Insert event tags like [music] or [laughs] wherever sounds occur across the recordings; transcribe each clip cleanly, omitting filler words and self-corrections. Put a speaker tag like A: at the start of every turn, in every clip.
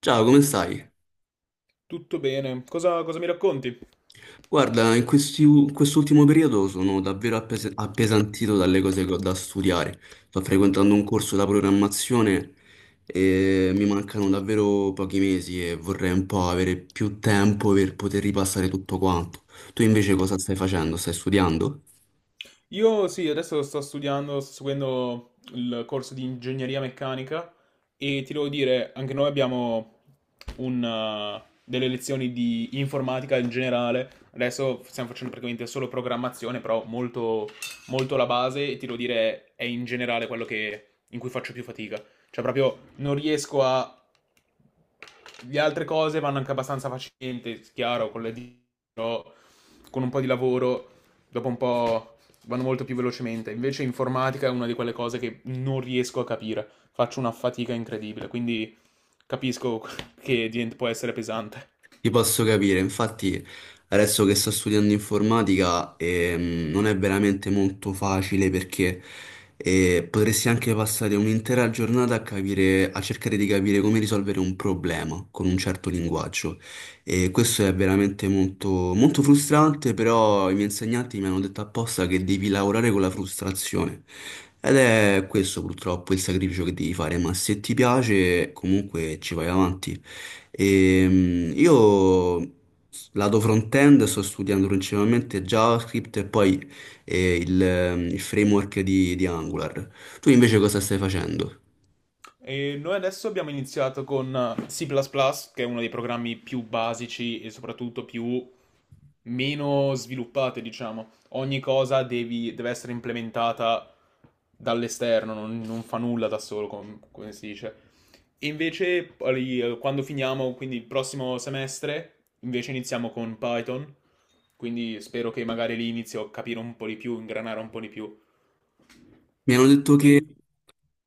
A: Ciao, come stai?
B: Tutto bene, cosa mi racconti?
A: Guarda, in quest'ultimo periodo sono davvero appesantito dalle cose che ho da studiare. Sto frequentando un corso da programmazione e mi mancano davvero pochi mesi e vorrei un po' avere più tempo per poter ripassare tutto quanto. Tu invece cosa stai facendo? Stai studiando?
B: Io sì, adesso sto studiando, sto seguendo il corso di ingegneria meccanica e ti devo dire, anche noi abbiamo delle lezioni di informatica in generale, adesso stiamo facendo praticamente solo programmazione, molto la base e ti devo dire è in generale in cui faccio più fatica, cioè proprio non riesco a. Le altre cose vanno anche abbastanza facilmente, chiaro, con le dita, però con un po' di lavoro, dopo un po' vanno molto più velocemente. Invece informatica è una di quelle cose che non riesco a capire, faccio una fatica incredibile, quindi capisco che può essere pesante.
A: Ti posso capire, infatti adesso che sto studiando informatica non è veramente molto facile perché potresti anche passare un'intera giornata a capire, a cercare di capire come risolvere un problema con un certo linguaggio e questo è veramente molto, molto frustrante, però i miei insegnanti mi hanno detto apposta che devi lavorare con la frustrazione. Ed è questo purtroppo il sacrificio che devi fare, ma se ti piace comunque ci vai avanti. Io lato front-end sto studiando principalmente JavaScript e poi il framework di Angular. Tu invece cosa stai facendo?
B: E noi adesso abbiamo iniziato con C++, plus plus, che è uno dei programmi più basici e soprattutto più meno sviluppate, diciamo. Ogni cosa deve essere implementata dall'esterno, non fa nulla da solo, come si dice. E invece, poi, quando finiamo, quindi il prossimo semestre, invece iniziamo con Python. Quindi spero che magari lì inizio a capire un po' di più, ingranare un po' di più.
A: Mi hanno detto che
B: E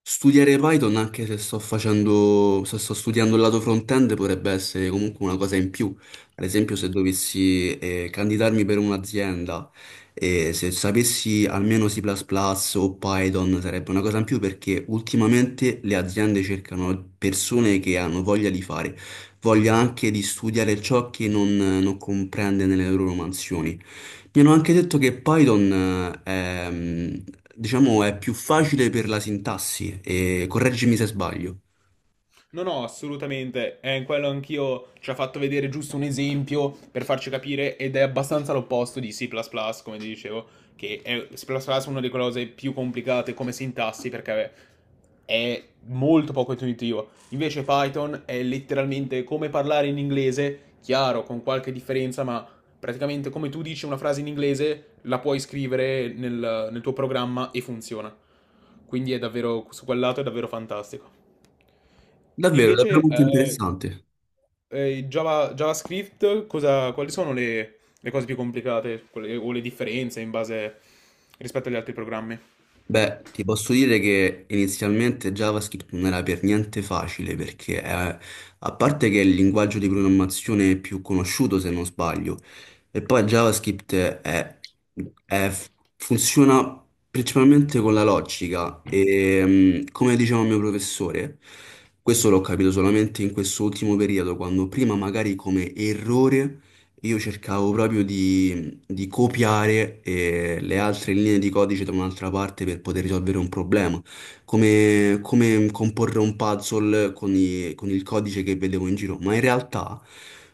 A: studiare Python anche se sto facendo, se sto studiando il lato front-end potrebbe essere comunque una cosa in più. Ad esempio, se dovessi candidarmi per un'azienda e se sapessi almeno C++ plus plus o Python sarebbe una cosa in più perché ultimamente le aziende cercano persone che hanno voglia di fare, voglia anche di studiare ciò che non, non comprende nelle loro mansioni. Mi hanno anche detto che Python è, diciamo, è più facile per la sintassi, e correggimi se sbaglio.
B: no, no, assolutamente. Quello anch'io ci ha fatto vedere giusto un esempio per farci capire ed è abbastanza l'opposto di C++, come ti dicevo, che è C++ è una delle cose più complicate come sintassi perché è molto poco intuitivo. Invece Python è letteralmente come parlare in inglese, chiaro, con qualche differenza, ma praticamente come tu dici una frase in inglese, la puoi scrivere nel tuo programma e funziona. Quindi è davvero, su quel lato è davvero fantastico.
A: Davvero, davvero
B: Invece,
A: molto interessante.
B: il JavaScript, quali sono le cose più complicate o le differenze in base rispetto agli altri programmi?
A: Beh, ti posso dire che inizialmente JavaScript non era per niente facile perché, a parte che è il linguaggio di programmazione più conosciuto, se non sbaglio, e poi è- funziona principalmente con la logica e, come diceva il mio professore, questo l'ho capito solamente in questo ultimo periodo, quando prima magari come errore io cercavo proprio di copiare le altre linee di codice da un'altra parte per poter risolvere un problema, come, come comporre un puzzle con, con il codice che vedevo in giro. Ma in realtà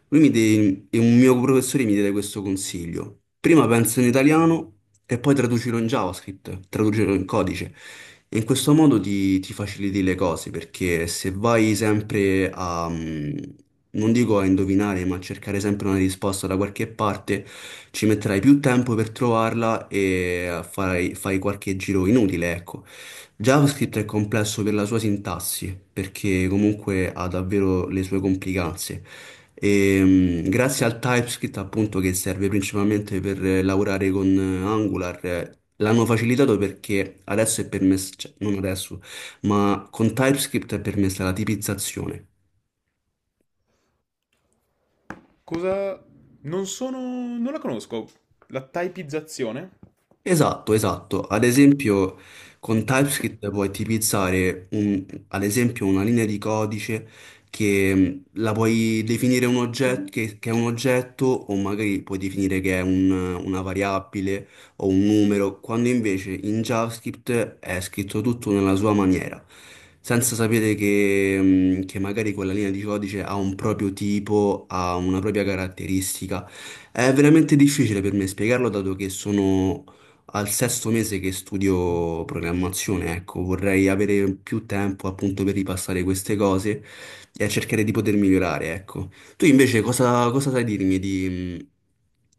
A: e un mio professore mi diede questo consiglio. Prima penso in italiano e poi traducilo in JavaScript, traducilo in codice. E in questo modo ti faciliti le cose, perché se vai sempre a, non dico a indovinare, ma a cercare sempre una risposta da qualche parte, ci metterai più tempo per trovarla e farai, fai qualche giro inutile, ecco. JavaScript è complesso per la sua sintassi, perché comunque ha davvero le sue complicanze. E, grazie al TypeScript, appunto, che serve principalmente per lavorare con Angular, l'hanno facilitato perché adesso è permesso, cioè, non adesso, ma con TypeScript è permessa la tipizzazione.
B: Cosa... non sono... non la conosco. La typizzazione?
A: Esatto, esatto. Ad esempio, con TypeScript puoi tipizzare, ad esempio, una linea di codice che la puoi definire un oggetto, che è un oggetto o magari puoi definire che è una variabile o un numero, quando invece in JavaScript è scritto tutto nella sua maniera, senza sapere che magari quella linea di codice ha un proprio tipo, ha una propria caratteristica. È veramente difficile per me spiegarlo, dato che sono al sesto mese che studio programmazione, ecco, vorrei avere più tempo appunto per ripassare queste cose e cercare di poter migliorare, ecco. Tu invece cosa sai dirmi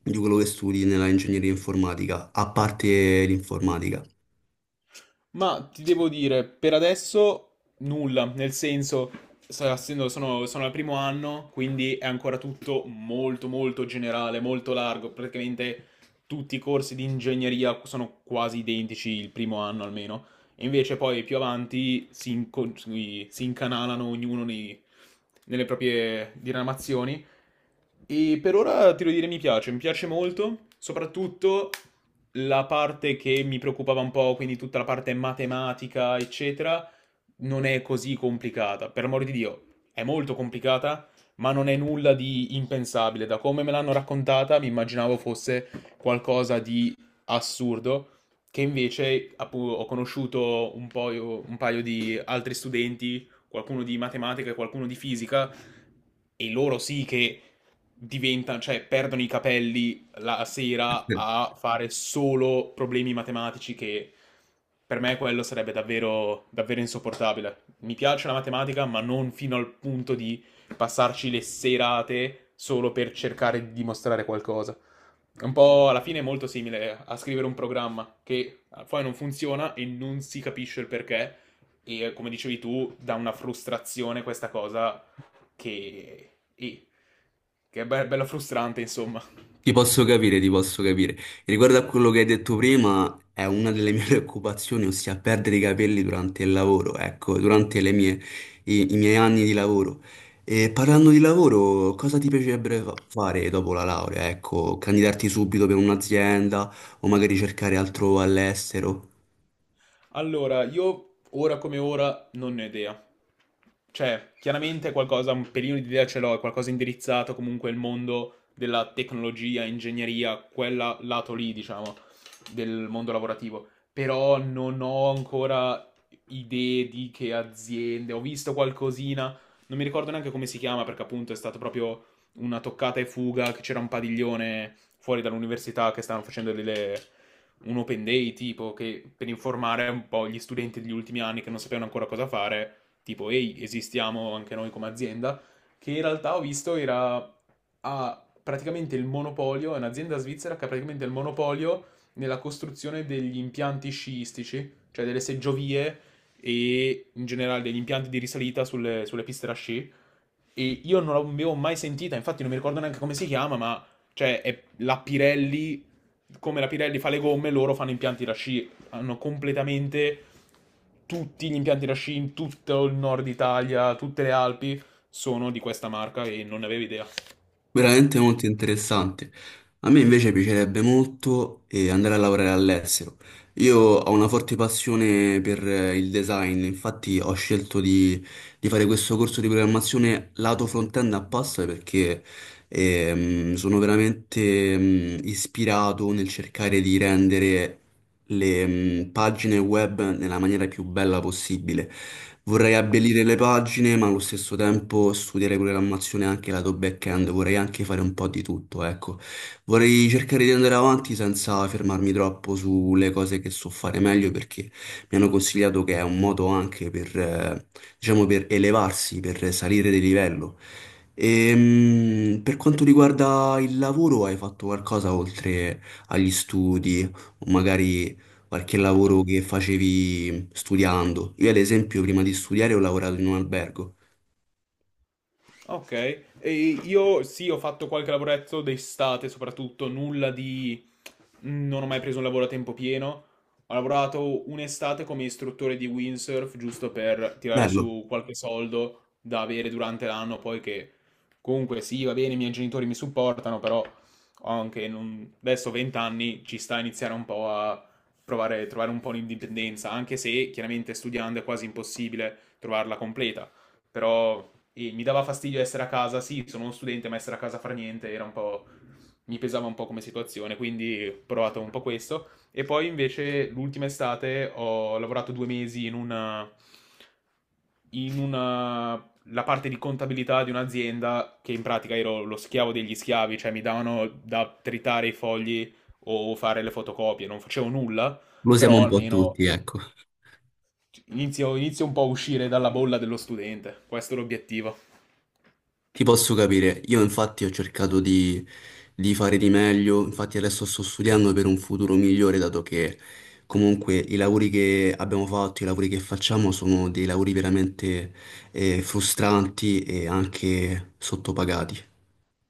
A: di quello che studi nella ingegneria informatica, a parte l'informatica?
B: Ma ti devo dire, per adesso nulla, nel senso, sono al primo anno, quindi è ancora tutto molto molto generale, molto largo, praticamente tutti i corsi di ingegneria sono quasi identici il primo anno almeno, e invece poi più avanti si incanalano nelle proprie diramazioni. E per ora ti devo dire mi piace molto, soprattutto la parte che mi preoccupava un po', quindi tutta la parte matematica, eccetera, non è così complicata. Per amor di Dio, è molto complicata, ma non è nulla di impensabile. Da come me l'hanno raccontata, mi immaginavo fosse qualcosa di assurdo, che invece ho conosciuto un po' un paio di altri studenti, qualcuno di matematica e qualcuno di fisica, e loro sì che diventano, cioè perdono i capelli la sera a fare solo problemi matematici che per me quello sarebbe davvero, davvero insopportabile. Mi piace la matematica, ma non fino al punto di passarci le serate solo per cercare di dimostrare qualcosa. È un po' alla fine è molto simile a scrivere un programma che poi non funziona e non si capisce il perché. E come dicevi tu, dà una frustrazione questa cosa che, eh, che è bella frustrante, insomma.
A: Ti posso capire, ti posso capire. Riguardo a quello che hai detto prima, è una delle mie [laughs] preoccupazioni, ossia perdere i capelli durante il lavoro, ecco, i, i miei anni di lavoro. E parlando di lavoro, cosa ti piacerebbe fare dopo la laurea? Ecco, candidarti subito per un'azienda o magari cercare altro all'estero?
B: Allora, io ora come ora non ne ho idea. Cioè, chiaramente qualcosa, un pelino di idea ce l'ho, è qualcosa indirizzato comunque al mondo della tecnologia, ingegneria, quella lato lì, diciamo, del mondo lavorativo. Però non ho ancora idee di che aziende, ho visto qualcosina, non mi ricordo neanche come si chiama, perché appunto è stato proprio una toccata e fuga, che c'era un padiglione fuori dall'università che stavano facendo delle un open day tipo che per informare un po' gli studenti degli ultimi anni che non sapevano ancora cosa fare, tipo ehi, esistiamo anche noi come azienda, che in realtà ho visto era ha praticamente il monopolio, è un'azienda svizzera che ha praticamente il monopolio nella costruzione degli impianti sciistici, cioè delle seggiovie e in generale degli impianti di risalita sulle piste da sci e io non l'avevo mai sentita, infatti non mi ricordo neanche come si chiama, ma cioè è la Pirelli, come la Pirelli fa le gomme, loro fanno impianti da sci, hanno completamente tutti gli impianti da sci in tutto il nord Italia, tutte le Alpi sono di questa marca e non ne avevo idea.
A: Veramente molto interessante. A me invece piacerebbe molto andare a lavorare all'estero. Io ho una forte passione per il design, infatti ho scelto di fare questo corso di programmazione lato front-end apposta perché sono veramente ispirato nel cercare di rendere le pagine web nella maniera più bella possibile. Vorrei abbellire le pagine, ma allo stesso tempo studiare programmazione anche lato back-end, vorrei anche fare un po' di tutto, ecco. Vorrei cercare di andare avanti senza fermarmi troppo sulle cose che so fare meglio, perché mi hanno consigliato che è un modo anche per, diciamo, per elevarsi, per salire di livello. E, per quanto riguarda il lavoro, hai fatto qualcosa oltre agli studi, o magari qualche lavoro che facevi studiando. Io, ad esempio, prima di studiare ho lavorato in un albergo.
B: Ok, e io sì, ho fatto qualche lavoretto d'estate, soprattutto nulla di... non ho mai preso un lavoro a tempo pieno. Ho lavorato un'estate come istruttore di windsurf, giusto per tirare
A: Bello,
B: su qualche soldo da avere durante l'anno, poi che comunque sì, va bene, i miei genitori mi supportano, però ho anche adesso ho 20 anni, ci sta a iniziare un po' a provare trovare un po' l'indipendenza, anche se chiaramente studiando è quasi impossibile trovarla completa però mi dava fastidio essere a casa, sì, sono uno studente, ma essere a casa a fare niente era un po'... mi pesava un po' come situazione, quindi ho provato un po' questo. E poi invece l'ultima estate ho lavorato 2 mesi in una... la parte di contabilità di un'azienda che in pratica ero lo schiavo degli schiavi, cioè mi davano da tritare i fogli o fare le fotocopie, non facevo nulla,
A: lo siamo
B: però
A: un po'
B: almeno
A: tutti, ecco.
B: inizio un po' a uscire dalla bolla dello studente, questo è l'obiettivo.
A: Ti posso capire. Io, infatti, ho cercato di fare di meglio. Infatti, adesso sto studiando per un futuro migliore, dato che comunque i lavori che abbiamo fatto, i lavori che facciamo sono dei lavori veramente frustranti e anche sottopagati.